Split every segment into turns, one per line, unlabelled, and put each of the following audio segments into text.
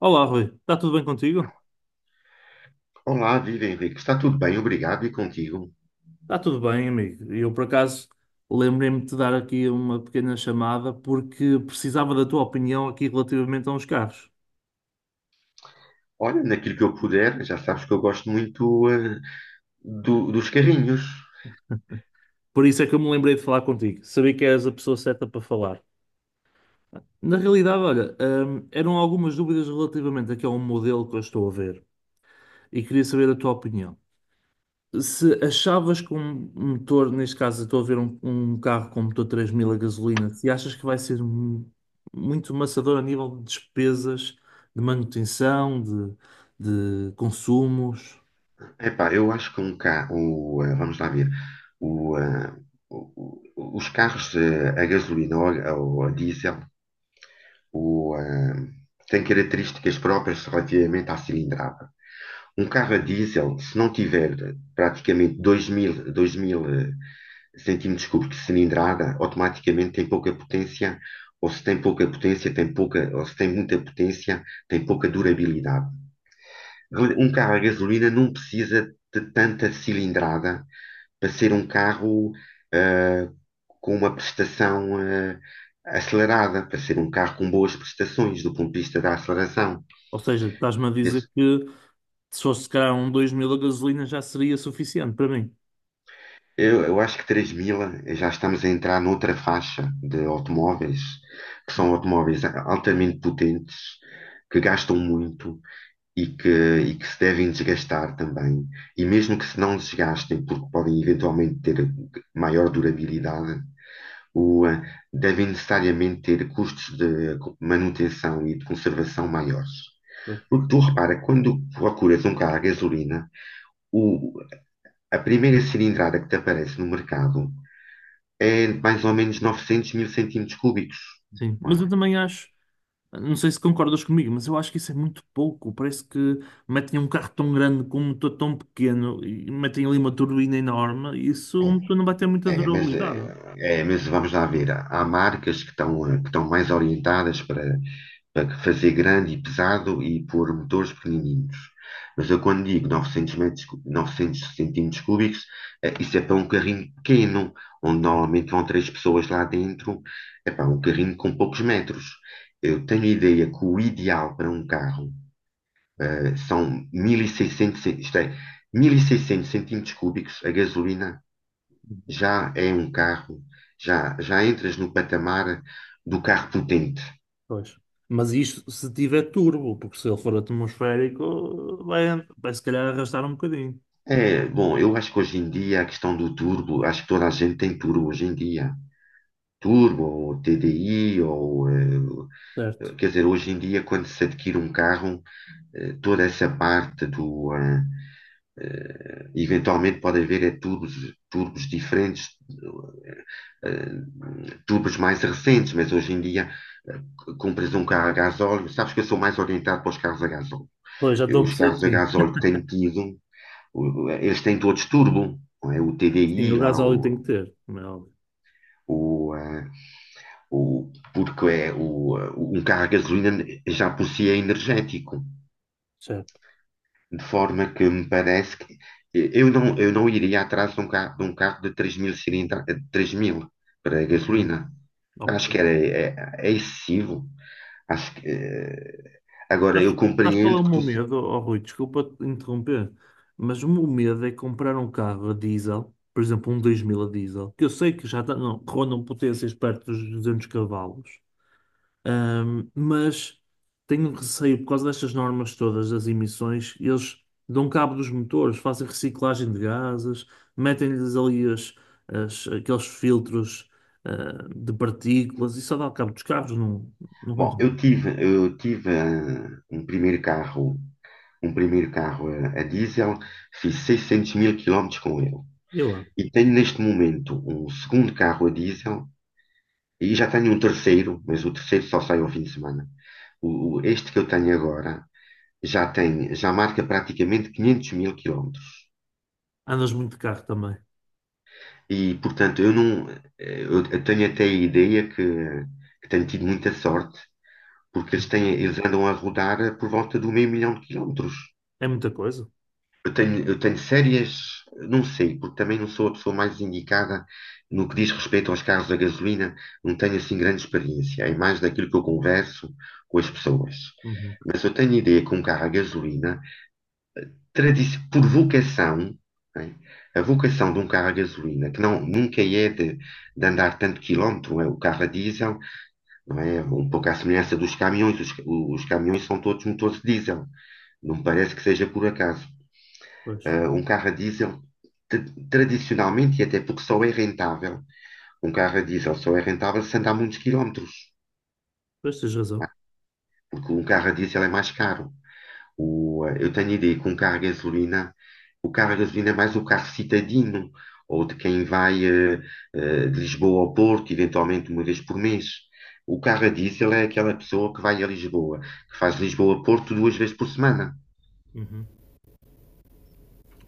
Olá, Rui. Está tudo bem contigo?
Olá, viva Henrique. Está tudo bem, obrigado. E contigo?
Está tudo bem, amigo. Eu, por acaso, lembrei-me de te dar aqui uma pequena chamada porque precisava da tua opinião aqui relativamente a uns carros.
Olha, naquilo que eu puder, já sabes que eu gosto muito dos carrinhos.
Por isso é que eu me lembrei de falar contigo. Sabia que eras a pessoa certa para falar. Na realidade, olha, eram algumas dúvidas relativamente aqui a um modelo que eu estou a ver e queria saber a tua opinião. Se achavas que um motor, neste caso, eu estou a ver um carro com motor 3000 a gasolina, se achas que vai ser muito maçador a nível de despesas, de manutenção, de consumos.
Epá, eu acho que um carro, vamos lá ver, o, eh, o- os carros a gasolina ou a diesel o, eh, têm características próprias relativamente à cilindrada. Um carro a diesel, se não tiver praticamente 2.000, sentimos desculpe que cilindrada automaticamente tem pouca potência, ou se tem pouca potência, tem pouca, ou se tem muita potência, tem pouca durabilidade. Um carro a gasolina não precisa de tanta cilindrada para ser um carro ah, com uma prestação acelerada, para ser um carro com boas prestações do ponto de vista da aceleração.
Ou seja, estás-me a
Desde
dizer que se fosse se calhar um 2000 a gasolina já seria suficiente para mim.
eu acho que 3 mil já estamos a entrar noutra faixa de automóveis, que são automóveis altamente potentes, que gastam muito e que, e que se devem desgastar também. E mesmo que se não desgastem, porque podem eventualmente ter maior durabilidade, o, eh, devem necessariamente ter custos de manutenção e de conservação maiores.
Pois.
Porque tu repara, quando procuras um carro a gasolina, o- a primeira cilindrada que te aparece no mercado é mais ou menos 900 mil centímetros cúbicos,
Sim,
não
mas
é?
eu também acho. Não sei se concordas comigo, mas eu acho que isso é muito pouco. Parece que metem um carro tão grande com um motor tão pequeno e metem ali uma turbina enorme. Isso um motor não vai ter muita
É, é, mas, é,
durabilidade.
é, mas vamos lá ver. Há marcas que que estão mais orientadas para fazer grande e pesado e pôr motores pequenininhos. Mas eu quando digo 900 metros, 900 centímetros cúbicos, isso é para um carrinho pequeno, onde normalmente vão três pessoas lá dentro. É para um carrinho com poucos metros. Eu tenho ideia que o ideal para um carro são 1600, isto é, 1600 centímetros cúbicos, a gasolina já é um carro, já entras no patamar do carro potente.
Pois. Mas isto se tiver turbo, porque se ele for atmosférico vai, vai se calhar arrastar um bocadinho.
É, bom, eu acho que hoje em dia a questão do turbo, acho que toda a gente tem turbo hoje em dia. Turbo, ou TDI,
Certo.
quer dizer, hoje em dia quando se adquire um carro, toda essa parte do, eventualmente pode haver turbos diferentes, tubos mais recentes, mas hoje em dia compras um carro a gasóleo, sabes que eu sou mais orientado para os carros a gasóleo.
Pois já
Eu,
estou a
os
perceber que
carros a
sim.
gasóleo que tenho tido, eles têm todos turbo, não é? O
Sim,
TDI
o
lá,
gasóleo tem que ter, como é óbvio.
o, ah, porque é um carro a gasolina já por si é energético,
Certo.
de forma que me parece que eu não iria atrás de um carro de 3 mil cilindrada, para a
Ok,
gasolina.
ok.
Acho que era, é excessivo. Acho que, agora, eu
Sabes sabes qual é o
compreendo que
meu
tu.
medo, oh, Rui? Desculpa te interromper, mas o meu medo é comprar um carro a diesel, por exemplo, um 2000 a diesel, que eu sei que já tá, não, rondam potências perto dos 200 cavalos, mas tenho receio por causa destas normas todas das emissões. Eles dão cabo dos motores, fazem reciclagem de gases, metem-lhes ali aqueles filtros, de partículas e só dá cabo dos carros, não, não
Bom, eu
concordo.
tive, eu tive um primeiro carro a diesel, fiz 600 mil quilómetros com ele.
E agora?
E tenho neste momento um segundo carro a diesel e já tenho um terceiro, mas o terceiro só sai ao fim de semana. Este que eu tenho agora já tem, já marca praticamente 500 mil quilómetros.
Andas muito de carro também.
E, portanto, eu não, eu tenho até a ideia que tenho tido muita sorte porque eles andam a rodar por volta do meio milhão de quilómetros.
É muita coisa.
Eu tenho sérias, não sei, porque também não sou a pessoa mais indicada no que diz respeito aos carros a gasolina, não tenho assim grande experiência, é mais daquilo que eu converso com as pessoas.
Uhum.
Mas eu tenho ideia que um carro a gasolina, por vocação, né, a vocação de um carro a gasolina, que não, nunca é de andar tanto quilómetro, é o carro a diesel, não é? Um pouco à semelhança dos caminhões, os caminhões são todos motores diesel. Não me parece que seja por acaso.
Pois.
Um carro a diesel, tra- tradicionalmente, e até porque só é rentável, um carro a diesel só é rentável se andar muitos quilómetros,
Pois tens razão.
porque um carro a diesel é mais caro. Eu tenho a ideia que um carro a gasolina, o carro a gasolina é mais o carro citadino, ou de quem vai de Lisboa ao Porto, eventualmente uma vez por mês. O carro a diesel é aquela pessoa que vai a Lisboa, que faz Lisboa-Porto duas vezes por semana.
Uhum.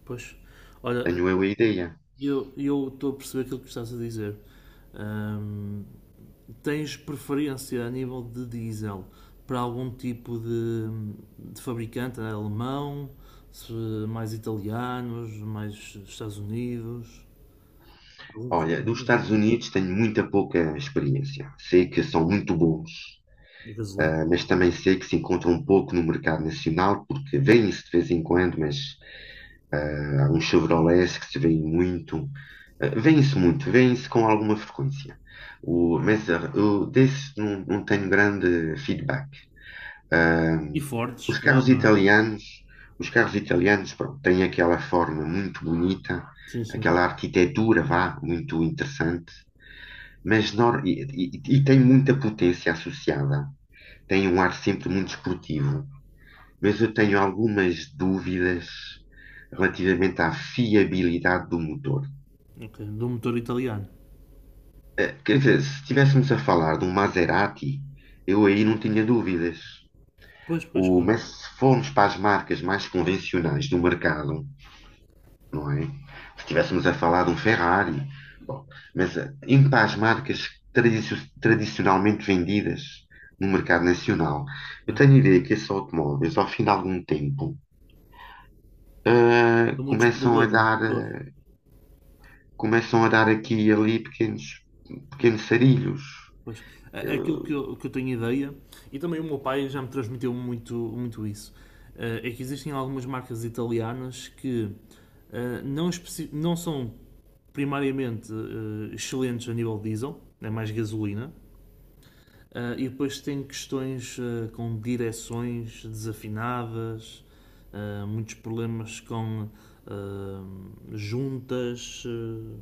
Pois. Olha,
Tenho eu a ideia.
eu estou a perceber aquilo que estás a dizer. Ahm, tens preferência a nível de diesel para algum tipo de fabricante, né? Alemão, se- mais italianos, mais Estados Unidos? Algum que
Olha, dos
recomendas?
Estados Unidos tenho muita pouca experiência. Sei que são muito bons,
Gasolina.
mas também sei que se encontram um pouco no mercado nacional, porque vêm se de vez em quando, mas há uns Chevrolets que se vêem muito. Vêem-se muito, vêm se com alguma frequência. Mas, eu desse não tenho grande feedback. Ah,
E Ford,
os
se calhar,
carros
não é?
italianos, pronto, têm aquela forma muito bonita,
Sim, sim.
aquela arquitetura, vá, muito interessante. Mas e tem muita potência associada. Tem um ar sempre muito esportivo. Mas eu tenho algumas dúvidas relativamente à fiabilidade do motor.
Ok. Do motor italiano.
Quer dizer, se estivéssemos a falar de um Maserati, eu aí não tinha dúvidas.
Pois, pois,
O,
claro.
mas se formos para as marcas mais convencionais do mercado, não é? Se estivéssemos a falar de um Ferrari. Bom, mas em paz marcas tradicionalmente vendidas no mercado nacional, eu tenho a
Certo.
ideia que esses automóveis, ao fim de algum tempo,
Há muitos
começam a
problemas,
dar,
doutor.
aqui e ali pequenos sarilhos.
Pois, aquilo que eu tenho ideia, e também o meu pai já me transmitiu muito, muito isso, é que existem algumas marcas italianas que não, não são primariamente excelentes a nível diesel, é mais gasolina. E depois tem questões com direções desafinadas, muitos problemas com ah, juntas. Ah,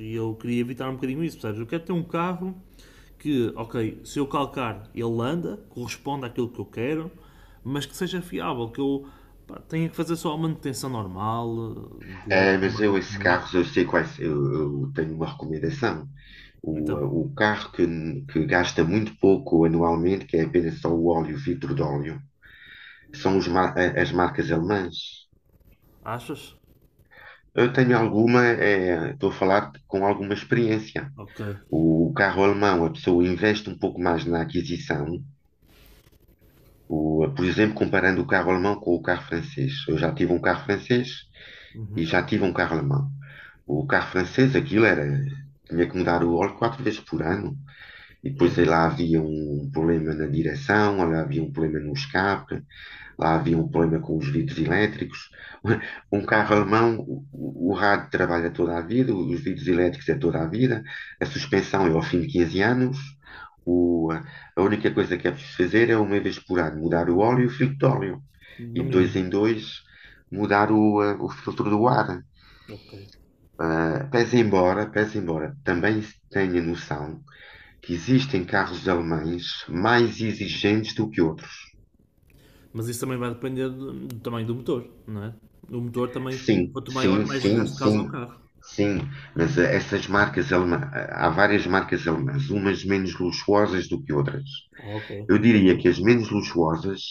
e eu queria evitar um bocadinho isso, percebes? Eu quero ter um carro que, ok, se eu calcar ele anda, corresponde àquilo que eu quero, mas que seja fiável, que eu pá, tenha que fazer só a manutenção normal dele, que
Eh,
a
mas
marca
eu, esses
recomenda.
carros, eu sei quais, eu tenho uma recomendação. O, eh,
Então,
o carro que gasta muito pouco anualmente, que é apenas só o óleo, o vidro de óleo. São as marcas alemãs.
achas?
Eu tenho alguma, estou a falar com alguma experiência.
Ok.
O carro alemão, a pessoa investe um pouco mais na aquisição. Por exemplo, comparando o carro alemão com o carro francês. Eu já tive um carro francês e
Uhum.
já tive um carro alemão. O carro francês, aquilo era, tinha que mudar o óleo quatro vezes por ano. E depois
Eu,
aí lá havia um problema na direção, lá havia um problema no escape. Lá havia um problema com os vidros elétricos. Um carro alemão, o rádio trabalha toda a vida, os vidros elétricos é toda a vida, a suspensão é ao fim de 15 anos. O- a única coisa que é preciso fazer é uma vez por ano mudar o óleo e o filtro de óleo. E
no
de dois
mínimo.
em dois mudar o filtro do ar.
Ok.
Pese embora, também tenha noção que existem carros alemães mais exigentes do que outros.
Mas isso também vai depender do, do tamanho do motor, não é? O motor também,
Sim,
quanto maior,
sim,
mais
sim,
gasto causa ao
sim,
carro.
sim. Mas essas marcas alemã, há várias marcas alemãs, umas menos luxuosas do que outras.
Ah, ok,
Eu
não
diria
sabia.
que as menos luxuosas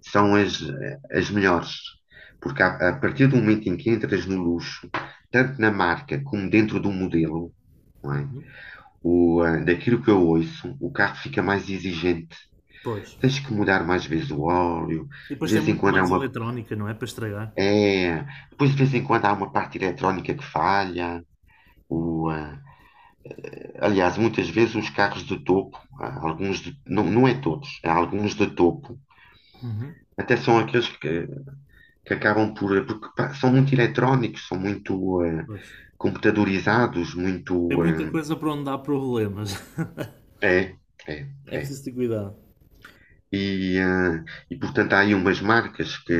são as melhores, porque a partir do momento em que entras no luxo, tanto na marca como dentro do modelo, não é? Daquilo que eu ouço, o carro fica mais exigente.
Pois.
Tens que mudar mais vezes o óleo,
E
de
depois tem
vez em
muito
quando
mais eletrónica, não é? Para estragar.
é, depois de vez em quando há uma parte eletrónica que falha. O, ah, aliás, muitas vezes os carros de topo, alguns não, não é todos, há alguns de topo,
Uhum.
até são aqueles que acabam por, porque pá, são muito eletrónicos, são muito
Pois.
computadorizados,
Tem
muito,
muita coisa para onde há problemas.
é, é,
É
é.
preciso ter cuidado.
E, ah, e portanto há aí umas marcas que,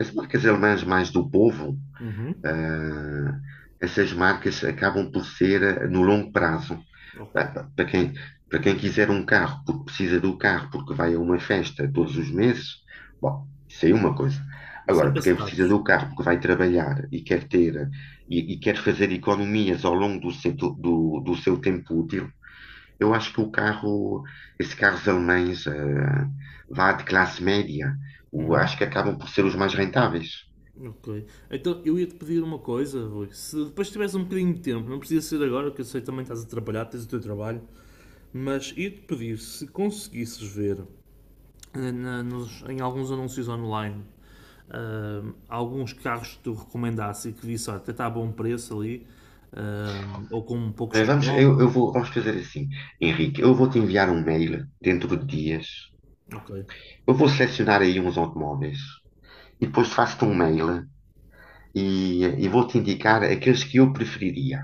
as marcas alemãs mais do povo,
Uhum.
ah, essas marcas acabam por ser no longo prazo.
Ok.
Ah, pá, para quem quiser um carro, porque precisa do carro, porque vai a uma festa todos os meses, bom, isso aí é uma coisa.
Isso é
Agora,
para
para quem precisa
status.
do carro, porque vai trabalhar e quer fazer economias ao longo do seu, do seu tempo útil, eu acho que o carro, esses carros alemães, vá de classe média, acho que acabam por ser os mais rentáveis.
Ok. Então eu ia-te pedir uma coisa, Rui. Se depois tivesse um bocadinho de tempo, não precisa ser agora, que eu sei que também estás a trabalhar, tens o teu trabalho, mas ia-te pedir se conseguisses ver em alguns anúncios online, alguns carros que tu recomendasse e que visse: "Ah, até está a bom preço ali, ou com poucos
Eh, Vamos, eu, eu
quilómetros".
vou, vamos fazer assim, Henrique, eu vou te enviar um mail dentro de dias.
Ok,
Eu vou selecionar aí uns automóveis e depois faço-te um mail e vou-te indicar aqueles que eu preferiria.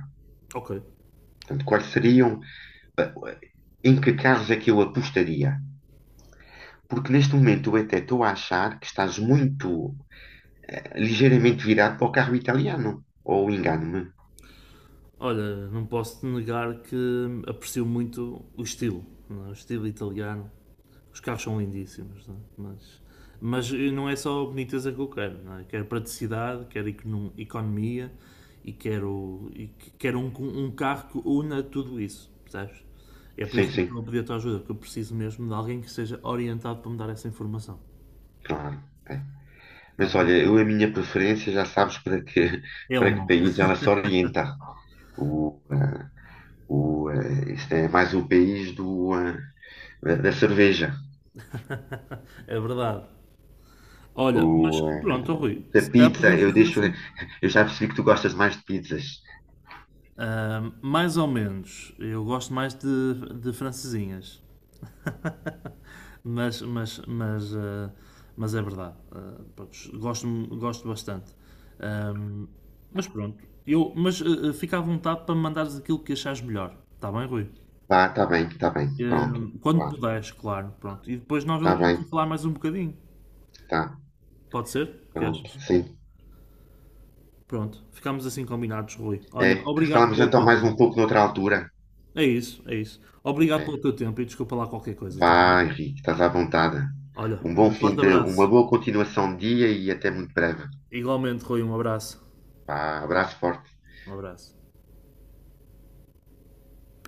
ok.
Portanto, quais seriam, eh, em que carros é que eu apostaria? Porque neste momento eu até estou a achar que estás ligeiramente virado para o carro italiano. Ou engano-me?
Olha, não posso te negar que aprecio muito o estilo, não é? O estilo italiano. Os carros são lindíssimos, não é? Mas não é só a boniteza que eu quero. Não é? Quero praticidade, quero economia e quero, e quero um carro que una tudo isso, percebes? É por
Sim,
isso que eu
sim,
estou a pedir a tua ajuda, porque eu preciso mesmo de alguém que seja orientado para me dar essa informação.
claro. É.
Está
Mas
bem?
olha, eu a minha preferência já sabes para que,
É
para que
alemão.
país ela se orienta. O, eh, este é mais o país do, da cerveja.
É verdade. Olha, mas
O,
pronto,
eh,
Rui,
da
se calhar
pizza,
podíamos
eu
fazer
deixo.
assim.
Eu já percebi que tu gostas mais de pizzas.
Mais ou menos. Eu gosto mais de francesinhas. Mas, mas, mas, ah, mas é verdade. Ah, pronto, gosto, gosto bastante. Ahm, mas pronto. Eu, mas ah, ah, Fica à vontade para me mandares aquilo que achares melhor. Está bem, Rui?
Tá bem, tá bem, pronto.
Quando
Vá,
puderes, claro. Pronto. E depois nós
tá
voltamos
bem,
a falar mais um bocadinho.
tá,
Pode ser? O que
pronto,
achas?
sim.
Pronto. Ficamos assim combinados, Rui. Olha,
É,
obrigado
falamos
pelo
então
teu
mais um
tempo.
pouco noutra altura.
É isso, é isso. Obrigado
É.
pelo teu tempo e desculpa lá qualquer coisa, está
Vá,
bem?
Henrique, estás à vontade.
Olha,
Um bom
um
fim
forte
de, uma
abraço.
boa continuação de dia e até muito breve.
Igualmente, Rui, um abraço.
Vá, abraço forte.
Um abraço.